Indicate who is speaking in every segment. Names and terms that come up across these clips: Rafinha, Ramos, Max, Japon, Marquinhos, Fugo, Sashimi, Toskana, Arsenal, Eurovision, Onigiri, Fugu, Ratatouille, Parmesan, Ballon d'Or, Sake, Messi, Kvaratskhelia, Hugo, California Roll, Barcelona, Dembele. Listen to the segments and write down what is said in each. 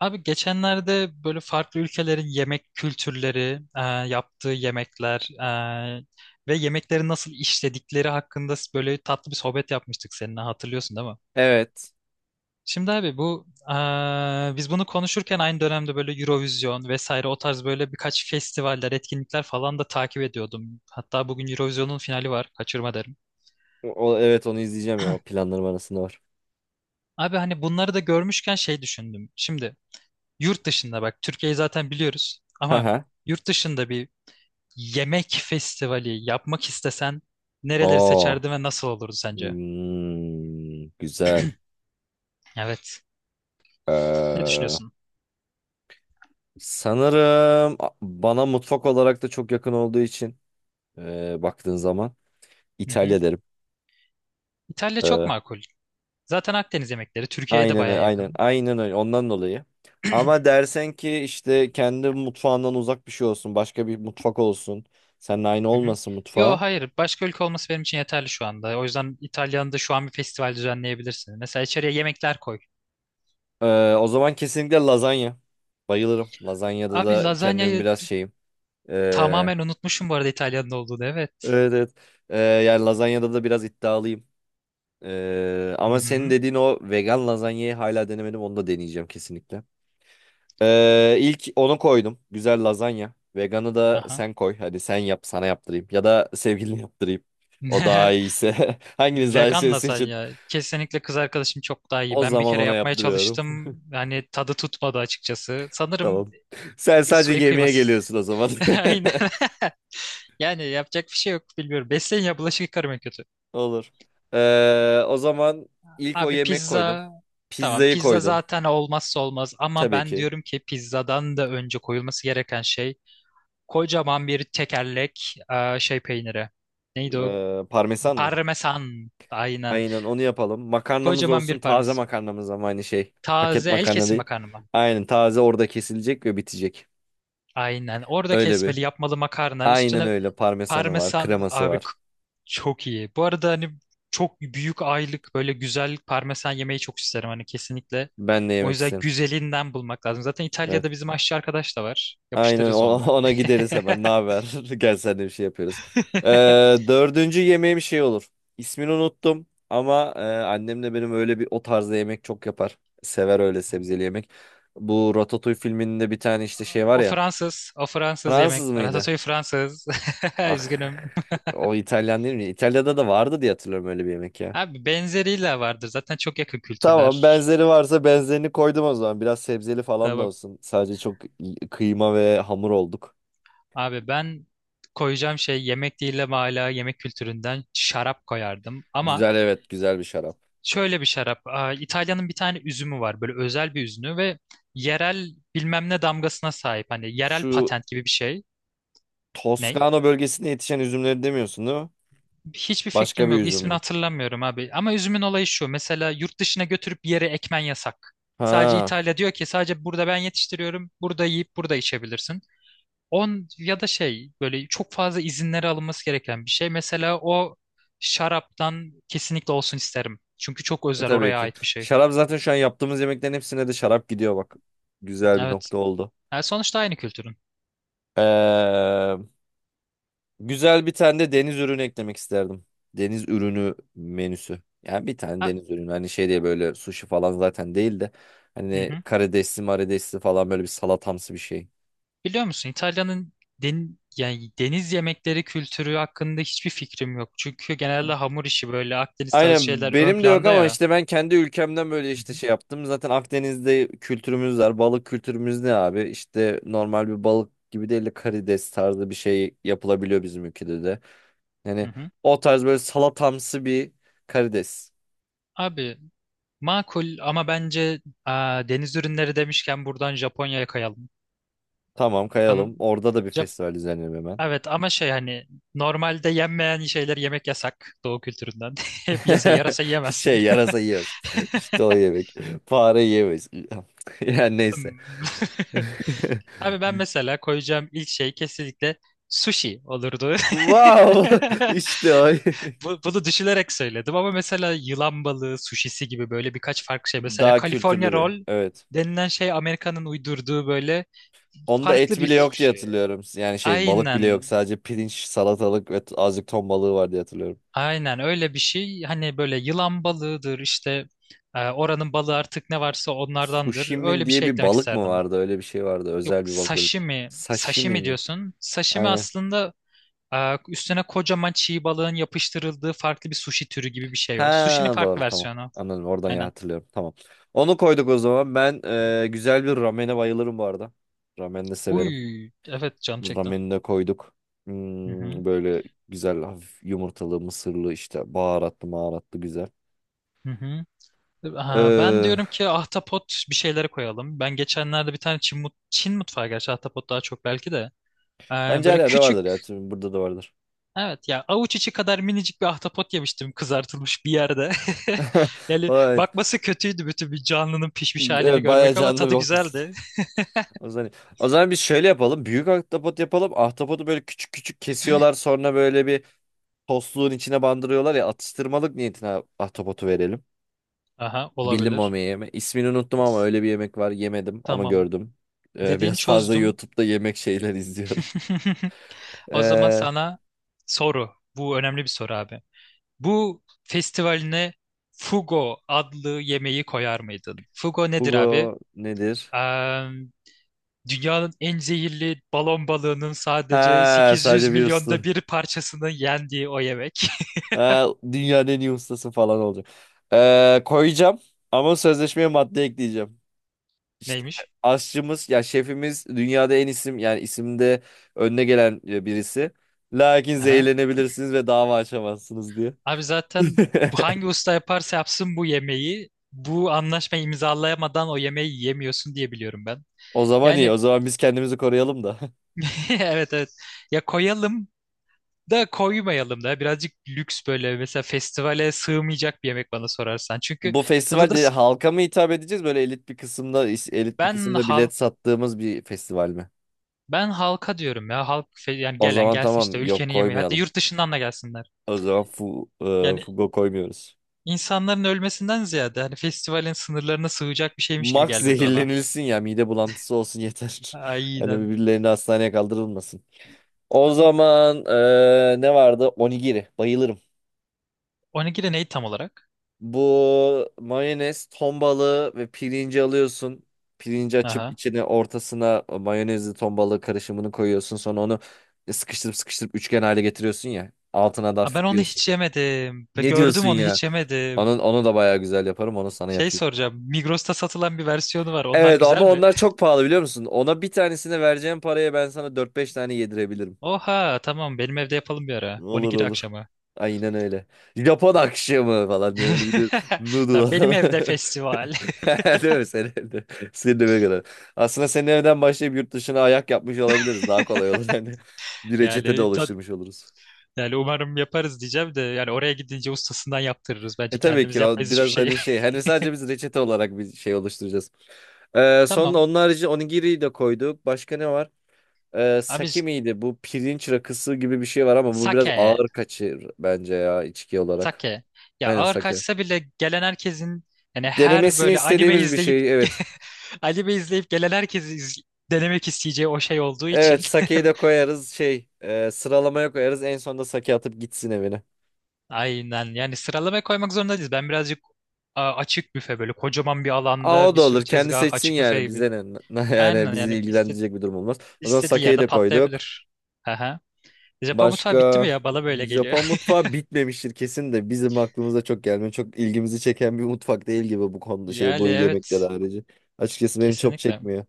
Speaker 1: Abi geçenlerde böyle farklı ülkelerin yemek kültürleri, yaptığı yemekler e, ve yemekleri nasıl işledikleri hakkında böyle tatlı bir sohbet yapmıştık seninle, hatırlıyorsun değil mi?
Speaker 2: Evet.
Speaker 1: Şimdi abi, bu biz bunu konuşurken aynı dönemde böyle Eurovision vesaire o tarz böyle birkaç festivaller, etkinlikler falan da takip ediyordum. Hatta bugün Eurovision'un finali var, kaçırma derim.
Speaker 2: O, evet onu izleyeceğim ya. O planlarım arasında var.
Speaker 1: Abi, hani bunları da görmüşken şey düşündüm. Şimdi yurt dışında, bak, Türkiye'yi zaten biliyoruz ama
Speaker 2: Haha.
Speaker 1: yurt dışında bir yemek festivali yapmak istesen nereleri
Speaker 2: Oo.
Speaker 1: seçerdin ve nasıl olurdu sence?
Speaker 2: Hmm, güzel.
Speaker 1: Evet. Ne
Speaker 2: Ee,
Speaker 1: düşünüyorsun?
Speaker 2: Sanırım bana mutfak olarak da çok yakın olduğu için baktığın zaman
Speaker 1: Hı hı.
Speaker 2: İtalya derim.
Speaker 1: İtalya çok
Speaker 2: Ee,
Speaker 1: makul. Zaten Akdeniz yemekleri Türkiye'ye de
Speaker 2: aynen
Speaker 1: baya
Speaker 2: öyle, aynen
Speaker 1: yakın.
Speaker 2: aynen öyle ondan dolayı. Ama dersen ki işte kendi mutfağından uzak bir şey olsun, başka bir mutfak olsun, seninle aynı
Speaker 1: Hı hı.
Speaker 2: olmasın
Speaker 1: Yo,
Speaker 2: mutfağı.
Speaker 1: hayır, başka ülke olması benim için yeterli şu anda. O yüzden İtalya'nın da şu an bir festival düzenleyebilirsin. Mesela içeriye yemekler koy.
Speaker 2: O zaman kesinlikle lazanya. Bayılırım. Lazanyada
Speaker 1: Abi,
Speaker 2: da kendimi
Speaker 1: lazanyayı
Speaker 2: biraz şeyim. Ee,
Speaker 1: tamamen unutmuşum bu arada, İtalya'nın olduğunu, evet.
Speaker 2: evet, evet. Yani lazanyada da biraz iddialıyım.
Speaker 1: Hı
Speaker 2: Ama senin
Speaker 1: hı.
Speaker 2: dediğin o vegan lazanyayı hala denemedim. Onu da deneyeceğim kesinlikle. İlk onu koydum. Güzel lazanya. Veganı da
Speaker 1: Aha.
Speaker 2: sen koy. Hadi sen yap, sana yaptırayım. Ya da sevgiline yaptırayım. O daha iyiyse. Hanginiz daha
Speaker 1: Vegan
Speaker 2: iyiyse seçin.
Speaker 1: lazanya. Kesinlikle kız arkadaşım çok daha iyi.
Speaker 2: O
Speaker 1: Ben bir
Speaker 2: zaman
Speaker 1: kere
Speaker 2: ona
Speaker 1: yapmaya
Speaker 2: yaptırıyorum.
Speaker 1: çalıştım. Yani tadı tutmadı açıkçası. Sanırım
Speaker 2: Tamam. Sen
Speaker 1: su
Speaker 2: sadece yemeğe
Speaker 1: kıybası.
Speaker 2: geliyorsun o zaman.
Speaker 1: Aynen. Yani yapacak bir şey yok, bilmiyorum. Besleyin ya, bulaşık yıkarım en kötü.
Speaker 2: Olur. O zaman ilk o
Speaker 1: Abi,
Speaker 2: yemek koydum.
Speaker 1: pizza. Tamam,
Speaker 2: Pizzayı
Speaker 1: pizza
Speaker 2: koydum.
Speaker 1: zaten olmazsa olmaz. Ama
Speaker 2: Tabii
Speaker 1: ben
Speaker 2: ki.
Speaker 1: diyorum ki pizzadan da önce koyulması gereken şey kocaman bir tekerlek şey peyniri. Neydi o?
Speaker 2: Parmesan mı?
Speaker 1: Parmesan. Aynen.
Speaker 2: Aynen onu yapalım. Makarnamız
Speaker 1: Kocaman bir
Speaker 2: olsun, taze
Speaker 1: parmesan.
Speaker 2: makarnamız ama aynı şey. Paket
Speaker 1: Taze el
Speaker 2: makarna
Speaker 1: kesim
Speaker 2: değil.
Speaker 1: makarna mı?
Speaker 2: Aynen, taze orada kesilecek ve bitecek.
Speaker 1: Aynen. Orada
Speaker 2: Öyle bir.
Speaker 1: kesmeli, yapmalı makarna.
Speaker 2: Aynen
Speaker 1: Üstüne
Speaker 2: öyle, parmesanı var,
Speaker 1: parmesan.
Speaker 2: kreması
Speaker 1: Abi,
Speaker 2: var.
Speaker 1: çok iyi. Bu arada hani çok büyük aylık böyle güzel parmesan yemeyi çok isterim. Hani kesinlikle.
Speaker 2: Ben de
Speaker 1: O
Speaker 2: yemek
Speaker 1: yüzden
Speaker 2: isterim.
Speaker 1: güzelinden bulmak lazım. Zaten
Speaker 2: Evet.
Speaker 1: İtalya'da bizim aşçı arkadaş da var.
Speaker 2: Aynen
Speaker 1: Yapıştırırız onu da.
Speaker 2: ona gideriz hemen. Ne haber? Gel, sen de bir şey yapıyoruz. Ee, Dördüncü yemeğim şey olur. İsmini unuttum ama annem de benim öyle bir o tarzda yemek çok yapar. Sever öyle sebzeli yemek. Bu Ratatouille filminde bir tane işte şey var
Speaker 1: O
Speaker 2: ya.
Speaker 1: Fransız. O Fransız yemek.
Speaker 2: Fransız mıydı?
Speaker 1: Ratatouille Fransız.
Speaker 2: Ah,
Speaker 1: Üzgünüm.
Speaker 2: o İtalyan değil mi? İtalya'da da vardı diye hatırlıyorum öyle bir yemek ya.
Speaker 1: Abi, benzeriyle vardır. Zaten çok yakın
Speaker 2: Tamam,
Speaker 1: kültürler.
Speaker 2: benzeri varsa benzerini koydum o zaman. Biraz sebzeli falan da
Speaker 1: Tamam.
Speaker 2: olsun. Sadece çok kıyma ve hamur olduk.
Speaker 1: Abi, ben koyacağım şey yemek değil ama hala yemek kültüründen şarap koyardım. Ama
Speaker 2: Güzel, evet, güzel bir şarap.
Speaker 1: şöyle bir şarap. İtalya'nın bir tane üzümü var. Böyle özel bir üzümü ve yerel bilmem ne damgasına sahip. Hani yerel
Speaker 2: Şu
Speaker 1: patent gibi bir şey. Ne?
Speaker 2: Toskana bölgesinde yetişen üzümleri demiyorsun değil mi?
Speaker 1: Hiçbir
Speaker 2: Başka
Speaker 1: fikrim
Speaker 2: bir
Speaker 1: yok.
Speaker 2: üzüm
Speaker 1: İsmini
Speaker 2: mü?
Speaker 1: hatırlamıyorum abi. Ama üzümün olayı şu. Mesela yurt dışına götürüp bir yere ekmen yasak. Sadece
Speaker 2: Ha,
Speaker 1: İtalya diyor ki sadece burada ben yetiştiriyorum. Burada yiyip burada içebilirsin. On ya da şey, böyle çok fazla izinleri alınması gereken bir şey. Mesela o şaraptan kesinlikle olsun isterim. Çünkü çok özel,
Speaker 2: tabii
Speaker 1: oraya
Speaker 2: ki.
Speaker 1: ait bir şey.
Speaker 2: Şarap zaten, şu an yaptığımız yemeklerin hepsine de şarap gidiyor bak. Güzel bir
Speaker 1: Evet.
Speaker 2: nokta oldu.
Speaker 1: Yani sonuçta aynı kültürün.
Speaker 2: Ee. Güzel bir tane de deniz ürünü eklemek isterdim. Deniz ürünü menüsü. Yani bir tane
Speaker 1: Ha,
Speaker 2: deniz ürünü. Hani şey diye böyle sushi falan zaten değil de.
Speaker 1: hı
Speaker 2: Hani
Speaker 1: hı.
Speaker 2: karidesli maridesli falan böyle bir salatamsı bir şey.
Speaker 1: Biliyor musun, İtalya'nın yani deniz yemekleri kültürü hakkında hiçbir fikrim yok. Çünkü genelde hamur işi böyle Akdeniz tarzı
Speaker 2: Aynen,
Speaker 1: şeyler ön
Speaker 2: benim de yok
Speaker 1: planda
Speaker 2: ama
Speaker 1: ya.
Speaker 2: işte ben kendi ülkemden böyle
Speaker 1: Hı
Speaker 2: işte
Speaker 1: hı.
Speaker 2: şey yaptım. Zaten Akdeniz'de kültürümüz var. Balık kültürümüz ne abi? İşte normal bir balık gibi değil de karides tarzı bir şey yapılabiliyor bizim ülkede de.
Speaker 1: Hı
Speaker 2: Yani
Speaker 1: hı.
Speaker 2: o tarz böyle salatamsı bir karides.
Speaker 1: Abi, makul ama bence deniz ürünleri demişken buradan Japonya'ya kayalım.
Speaker 2: Tamam, kayalım.
Speaker 1: Oranın.
Speaker 2: Orada da bir festival düzenleyelim hemen.
Speaker 1: Evet, ama şey, hani normalde yenmeyen şeyler yemek yasak doğu kültüründen. Hep yese yarasa yiyemezsin.
Speaker 2: Şey, yarasa yiyoruz. İşte o yemek. Fare yiyemeyiz. Yani neyse.
Speaker 1: Hmm. Abi, ben mesela koyacağım ilk şey kesinlikle sushi olurdu.
Speaker 2: Wow! İşte o.
Speaker 1: Bunu düşünerek söyledim ama mesela yılan balığı suşisi gibi böyle birkaç farklı şey. Mesela
Speaker 2: Daha kültürlü
Speaker 1: California
Speaker 2: bir.
Speaker 1: Roll
Speaker 2: Evet.
Speaker 1: denilen şey Amerika'nın uydurduğu böyle
Speaker 2: Onda
Speaker 1: farklı
Speaker 2: et
Speaker 1: bir
Speaker 2: bile yok diye
Speaker 1: sushi.
Speaker 2: hatırlıyorum. Yani şey, balık bile
Speaker 1: Aynen.
Speaker 2: yok. Sadece pirinç, salatalık ve azıcık ton balığı var diye hatırlıyorum.
Speaker 1: Aynen öyle bir şey. Hani böyle yılan balığıdır işte, oranın balığı artık ne varsa
Speaker 2: Sushi
Speaker 1: onlardandır.
Speaker 2: mi
Speaker 1: Öyle bir
Speaker 2: diye
Speaker 1: şey
Speaker 2: bir
Speaker 1: eklemek
Speaker 2: balık mı
Speaker 1: isterdim.
Speaker 2: vardı? Öyle bir şey vardı.
Speaker 1: Yok,
Speaker 2: Özel bir balık böyle.
Speaker 1: sashimi.
Speaker 2: Sashimi
Speaker 1: Sashimi
Speaker 2: mi?
Speaker 1: diyorsun. Sashimi
Speaker 2: Aynen.
Speaker 1: aslında üstüne kocaman çiğ balığın yapıştırıldığı farklı bir sushi türü gibi bir şey o. Sushi'nin
Speaker 2: Ha,
Speaker 1: farklı
Speaker 2: doğru, tamam.
Speaker 1: versiyonu.
Speaker 2: Anladım oradan ya,
Speaker 1: Aynen.
Speaker 2: hatırlıyorum. Tamam. Onu koyduk o zaman. Ben güzel bir ramene bayılırım bu arada. Ramen de severim.
Speaker 1: Uy, evet, canım çekti.
Speaker 2: Rameni de koyduk.
Speaker 1: Hı hı.
Speaker 2: Böyle güzel, hafif yumurtalı, mısırlı, işte baharatlı maharatlı, güzel.
Speaker 1: Hı hı. Ben
Speaker 2: Ee,
Speaker 1: diyorum ki ahtapot bir şeylere koyalım. Ben geçenlerde bir tane Çin mutfağı, gerçi ahtapot daha çok belki de. Ee,
Speaker 2: Bence her
Speaker 1: Böyle
Speaker 2: yerde vardır
Speaker 1: küçük.
Speaker 2: ya. Burada da vardır.
Speaker 1: Evet ya, avuç içi kadar minicik bir ahtapot yemiştim kızartılmış bir yerde. Yani
Speaker 2: Evet.
Speaker 1: bakması kötüydü, bütün bir canlının pişmiş halini
Speaker 2: Evet, bayağı
Speaker 1: görmek, ama
Speaker 2: canlı bir
Speaker 1: tadı
Speaker 2: okursun.
Speaker 1: güzeldi.
Speaker 2: O zaman, o zaman biz şöyle yapalım. Büyük ahtapot yapalım. Ahtapotu böyle küçük küçük kesiyorlar. Sonra böyle bir tostluğun içine bandırıyorlar ya, atıştırmalık niyetine ahtapotu verelim.
Speaker 1: Aha,
Speaker 2: Bildim mi o
Speaker 1: olabilir.
Speaker 2: yemeği? İsmini unuttum ama öyle bir yemek var. Yemedim ama
Speaker 1: Tamam.
Speaker 2: gördüm.
Speaker 1: Dediğini
Speaker 2: Biraz fazla
Speaker 1: çözdüm.
Speaker 2: YouTube'da yemek şeyler izliyorum.
Speaker 1: O zaman
Speaker 2: Ee,
Speaker 1: sana soru. Bu önemli bir soru abi. Bu festivaline Fugo adlı yemeği koyar mıydın? Fugo nedir abi?
Speaker 2: Hugo nedir?
Speaker 1: Eee, Dünyanın en zehirli balon balığının sadece
Speaker 2: Ha,
Speaker 1: 800
Speaker 2: sadece bir
Speaker 1: milyonda
Speaker 2: usta.
Speaker 1: bir parçasını yendiği o yemek.
Speaker 2: Ha, dünyanın en iyi ustası falan olacak. Koyacağım ama sözleşmeye madde ekleyeceğim. İşte
Speaker 1: Neymiş?
Speaker 2: aşçımız ya şefimiz dünyada en isim, yani isimde önüne gelen birisi. Lakin
Speaker 1: Aha.
Speaker 2: zehirlenebilirsiniz ve dava açamazsınız diye.
Speaker 1: Abi, zaten bu hangi usta yaparsa yapsın bu yemeği, bu anlaşmayı imzalayamadan o yemeği yemiyorsun diye biliyorum ben.
Speaker 2: O zaman iyi.
Speaker 1: Yani
Speaker 2: O zaman biz kendimizi koruyalım da.
Speaker 1: evet, evet. Ya koyalım da koymayalım da birazcık lüks, böyle mesela festivale sığmayacak bir yemek, bana sorarsan. Çünkü
Speaker 2: Bu
Speaker 1: tadı da
Speaker 2: festivalde halka mı hitap edeceğiz? Böyle elit bir kısımda elit bir
Speaker 1: ben
Speaker 2: kısımda bilet
Speaker 1: halk
Speaker 2: sattığımız bir festival mi?
Speaker 1: ben halka diyorum ya, yani
Speaker 2: O
Speaker 1: gelen
Speaker 2: zaman
Speaker 1: gelsin işte,
Speaker 2: tamam. Yok,
Speaker 1: ülkenin yemeği, hatta
Speaker 2: koymayalım.
Speaker 1: yurt dışından da gelsinler.
Speaker 2: O zaman
Speaker 1: Yani
Speaker 2: Fugo koymuyoruz.
Speaker 1: insanların ölmesinden ziyade, hani festivalin sınırlarına sığacak bir şeymiş gibi
Speaker 2: Max
Speaker 1: gelmedi bana.
Speaker 2: zehirlenilsin ya. Mide bulantısı olsun yeter. Hani
Speaker 1: Aynen.
Speaker 2: birbirlerini hastaneye kaldırılmasın. O zaman ne vardı? Onigiri. Bayılırım.
Speaker 1: Onigiri neydi tam olarak?
Speaker 2: Bu mayonez, ton balığı ve pirinci alıyorsun. Pirinci açıp
Speaker 1: Aha.
Speaker 2: içine, ortasına mayonezli ton balığı karışımını koyuyorsun. Sonra onu sıkıştırıp sıkıştırıp üçgen hale getiriyorsun ya. Altına da
Speaker 1: Ben
Speaker 2: hafif bir
Speaker 1: onu
Speaker 2: yosun.
Speaker 1: hiç yemedim. Ve
Speaker 2: Ne
Speaker 1: gördüm,
Speaker 2: diyorsun
Speaker 1: onu
Speaker 2: ya?
Speaker 1: hiç yemedim.
Speaker 2: Onu da bayağı güzel yaparım. Onu sana
Speaker 1: Şey
Speaker 2: yapayım.
Speaker 1: soracağım. Migros'ta satılan bir versiyonu var. Onlar
Speaker 2: Evet ama
Speaker 1: güzel mi?
Speaker 2: onlar çok pahalı, biliyor musun? Ona, bir tanesine vereceğim paraya ben sana dört beş tane yedirebilirim.
Speaker 1: Oha, tamam, benim evde yapalım bir ara.
Speaker 2: Olur,
Speaker 1: Onigiri
Speaker 2: olur.
Speaker 1: akşamı.
Speaker 2: Aynen öyle. Japon akşamı falan diye böyle bir de noodle
Speaker 1: Tamam, benim
Speaker 2: falan.
Speaker 1: evde festival.
Speaker 2: Değil mi, senin evde? Senin eve kadar. Aslında senin evden başlayıp yurt dışına ayak yapmış olabiliriz. Daha kolay olur. Hani bir reçete de
Speaker 1: Yani da-
Speaker 2: oluşturmuş oluruz.
Speaker 1: Yani umarım yaparız diyeceğim de yani oraya gidince ustasından yaptırırız.
Speaker 2: E,
Speaker 1: Bence
Speaker 2: tabii
Speaker 1: kendimiz
Speaker 2: ki o
Speaker 1: yapmayız hiçbir
Speaker 2: biraz
Speaker 1: şeyi.
Speaker 2: hani şey. Hani sadece biz reçete olarak bir şey oluşturacağız. Sonra
Speaker 1: Tamam.
Speaker 2: onun harici onigiri de koyduk. Başka ne var?
Speaker 1: Abi,
Speaker 2: Sake miydi? Bu pirinç rakısı gibi bir şey var ama bu biraz
Speaker 1: sake.
Speaker 2: ağır kaçır bence ya, içki olarak.
Speaker 1: Sake. Ya
Speaker 2: Aynen,
Speaker 1: ağır
Speaker 2: sake.
Speaker 1: kaçsa bile gelen herkesin, yani her
Speaker 2: Denemesini
Speaker 1: böyle anime
Speaker 2: istediğimiz bir
Speaker 1: izleyip
Speaker 2: şey, evet.
Speaker 1: anime izleyip gelen herkesi denemek isteyeceği o şey olduğu için,
Speaker 2: Evet, sakeyi de koyarız, şey, sıralamaya koyarız, en sonunda sake atıp gitsin evine.
Speaker 1: aynen, yani sıralamaya koymak zorunda değiliz. Ben birazcık açık büfe, böyle kocaman bir
Speaker 2: Aa,
Speaker 1: alanda
Speaker 2: o
Speaker 1: bir
Speaker 2: da olur,
Speaker 1: sürü
Speaker 2: kendi
Speaker 1: tezgah,
Speaker 2: seçsin,
Speaker 1: açık büfe
Speaker 2: yani
Speaker 1: gibi.
Speaker 2: bize ne yani
Speaker 1: Aynen yani
Speaker 2: bizi ilgilendirecek bir durum olmaz. O zaman
Speaker 1: istediği
Speaker 2: sakeyi
Speaker 1: yerde
Speaker 2: de koyduk.
Speaker 1: patlayabilir. Aha. Japon mutfağı bitti mi
Speaker 2: Başka
Speaker 1: ya? Bana böyle geliyor.
Speaker 2: Japon mutfağı bitmemiştir kesin de bizim aklımıza çok gelmiyor. Çok ilgimizi çeken bir mutfak değil gibi bu konuda, şey,
Speaker 1: Yani
Speaker 2: bu yemekler
Speaker 1: evet,
Speaker 2: harici. Açıkçası benim çok
Speaker 1: kesinlikle.
Speaker 2: çekmiyor.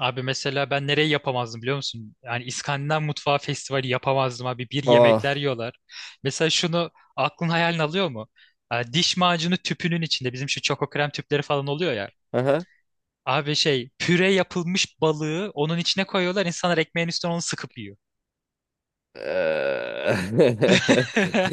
Speaker 1: Abi, mesela ben nereyi yapamazdım biliyor musun? Yani İskandinav Mutfağı Festivali yapamazdım abi. Bir
Speaker 2: Aa.
Speaker 1: yemekler yiyorlar. Mesela şunu aklın hayalini alıyor mu? Diş macunu tüpünün içinde bizim şu çoko krem tüpleri falan oluyor ya. Abi şey, püre yapılmış balığı onun içine koyuyorlar. İnsanlar ekmeğin üstüne onu sıkıp yiyor.
Speaker 2: Eee.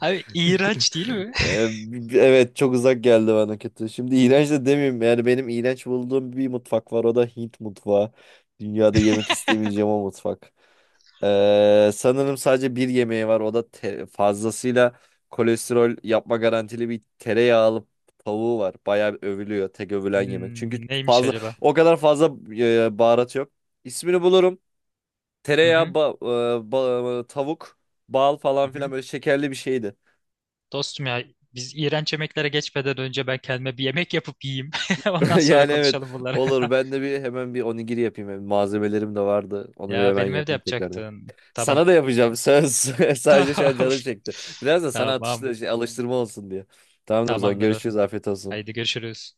Speaker 1: Abi iğrenç değil mi?
Speaker 2: Eee, evet, çok uzak geldi bana, kötü. Şimdi iğrenç de demeyeyim. Yani benim iğrenç bulduğum bir mutfak var. O da Hint mutfağı. Dünyada yemek istemeyeceğim o mutfak. Sanırım sadece bir yemeği var. O da fazlasıyla kolesterol yapma garantili bir tereyağlı tavuğu var. Bayağı övülüyor. Tek övülen yemek. Çünkü
Speaker 1: Neymiş acaba?
Speaker 2: o kadar fazla baharat yok. İsmini bulurum.
Speaker 1: Hı
Speaker 2: Tereyağı,
Speaker 1: hı,
Speaker 2: tavuk, bal
Speaker 1: hı
Speaker 2: falan
Speaker 1: hı.
Speaker 2: filan böyle şekerli bir şeydi.
Speaker 1: Dostum ya, biz iğrenç yemeklere geçmeden önce ben kendime bir yemek yapıp yiyeyim. Ondan sonra
Speaker 2: Yani evet,
Speaker 1: konuşalım bunları.
Speaker 2: olur. Ben de hemen bir onigiri yapayım. Hem malzemelerim de vardı. Onu bir
Speaker 1: Ya
Speaker 2: hemen
Speaker 1: benim evde
Speaker 2: yapayım tekrardan.
Speaker 1: yapacaktın. Tamam.
Speaker 2: Sana da yapacağım. Söz. Sadece şu an
Speaker 1: Tamam.
Speaker 2: canım çekti. Biraz da sana
Speaker 1: Tamam.
Speaker 2: atıştı, alıştırma olsun diye. Tamamdır, o zaman
Speaker 1: Tamamdır.
Speaker 2: görüşürüz. Afiyet
Speaker 1: Haydi
Speaker 2: olsun.
Speaker 1: görüşürüz.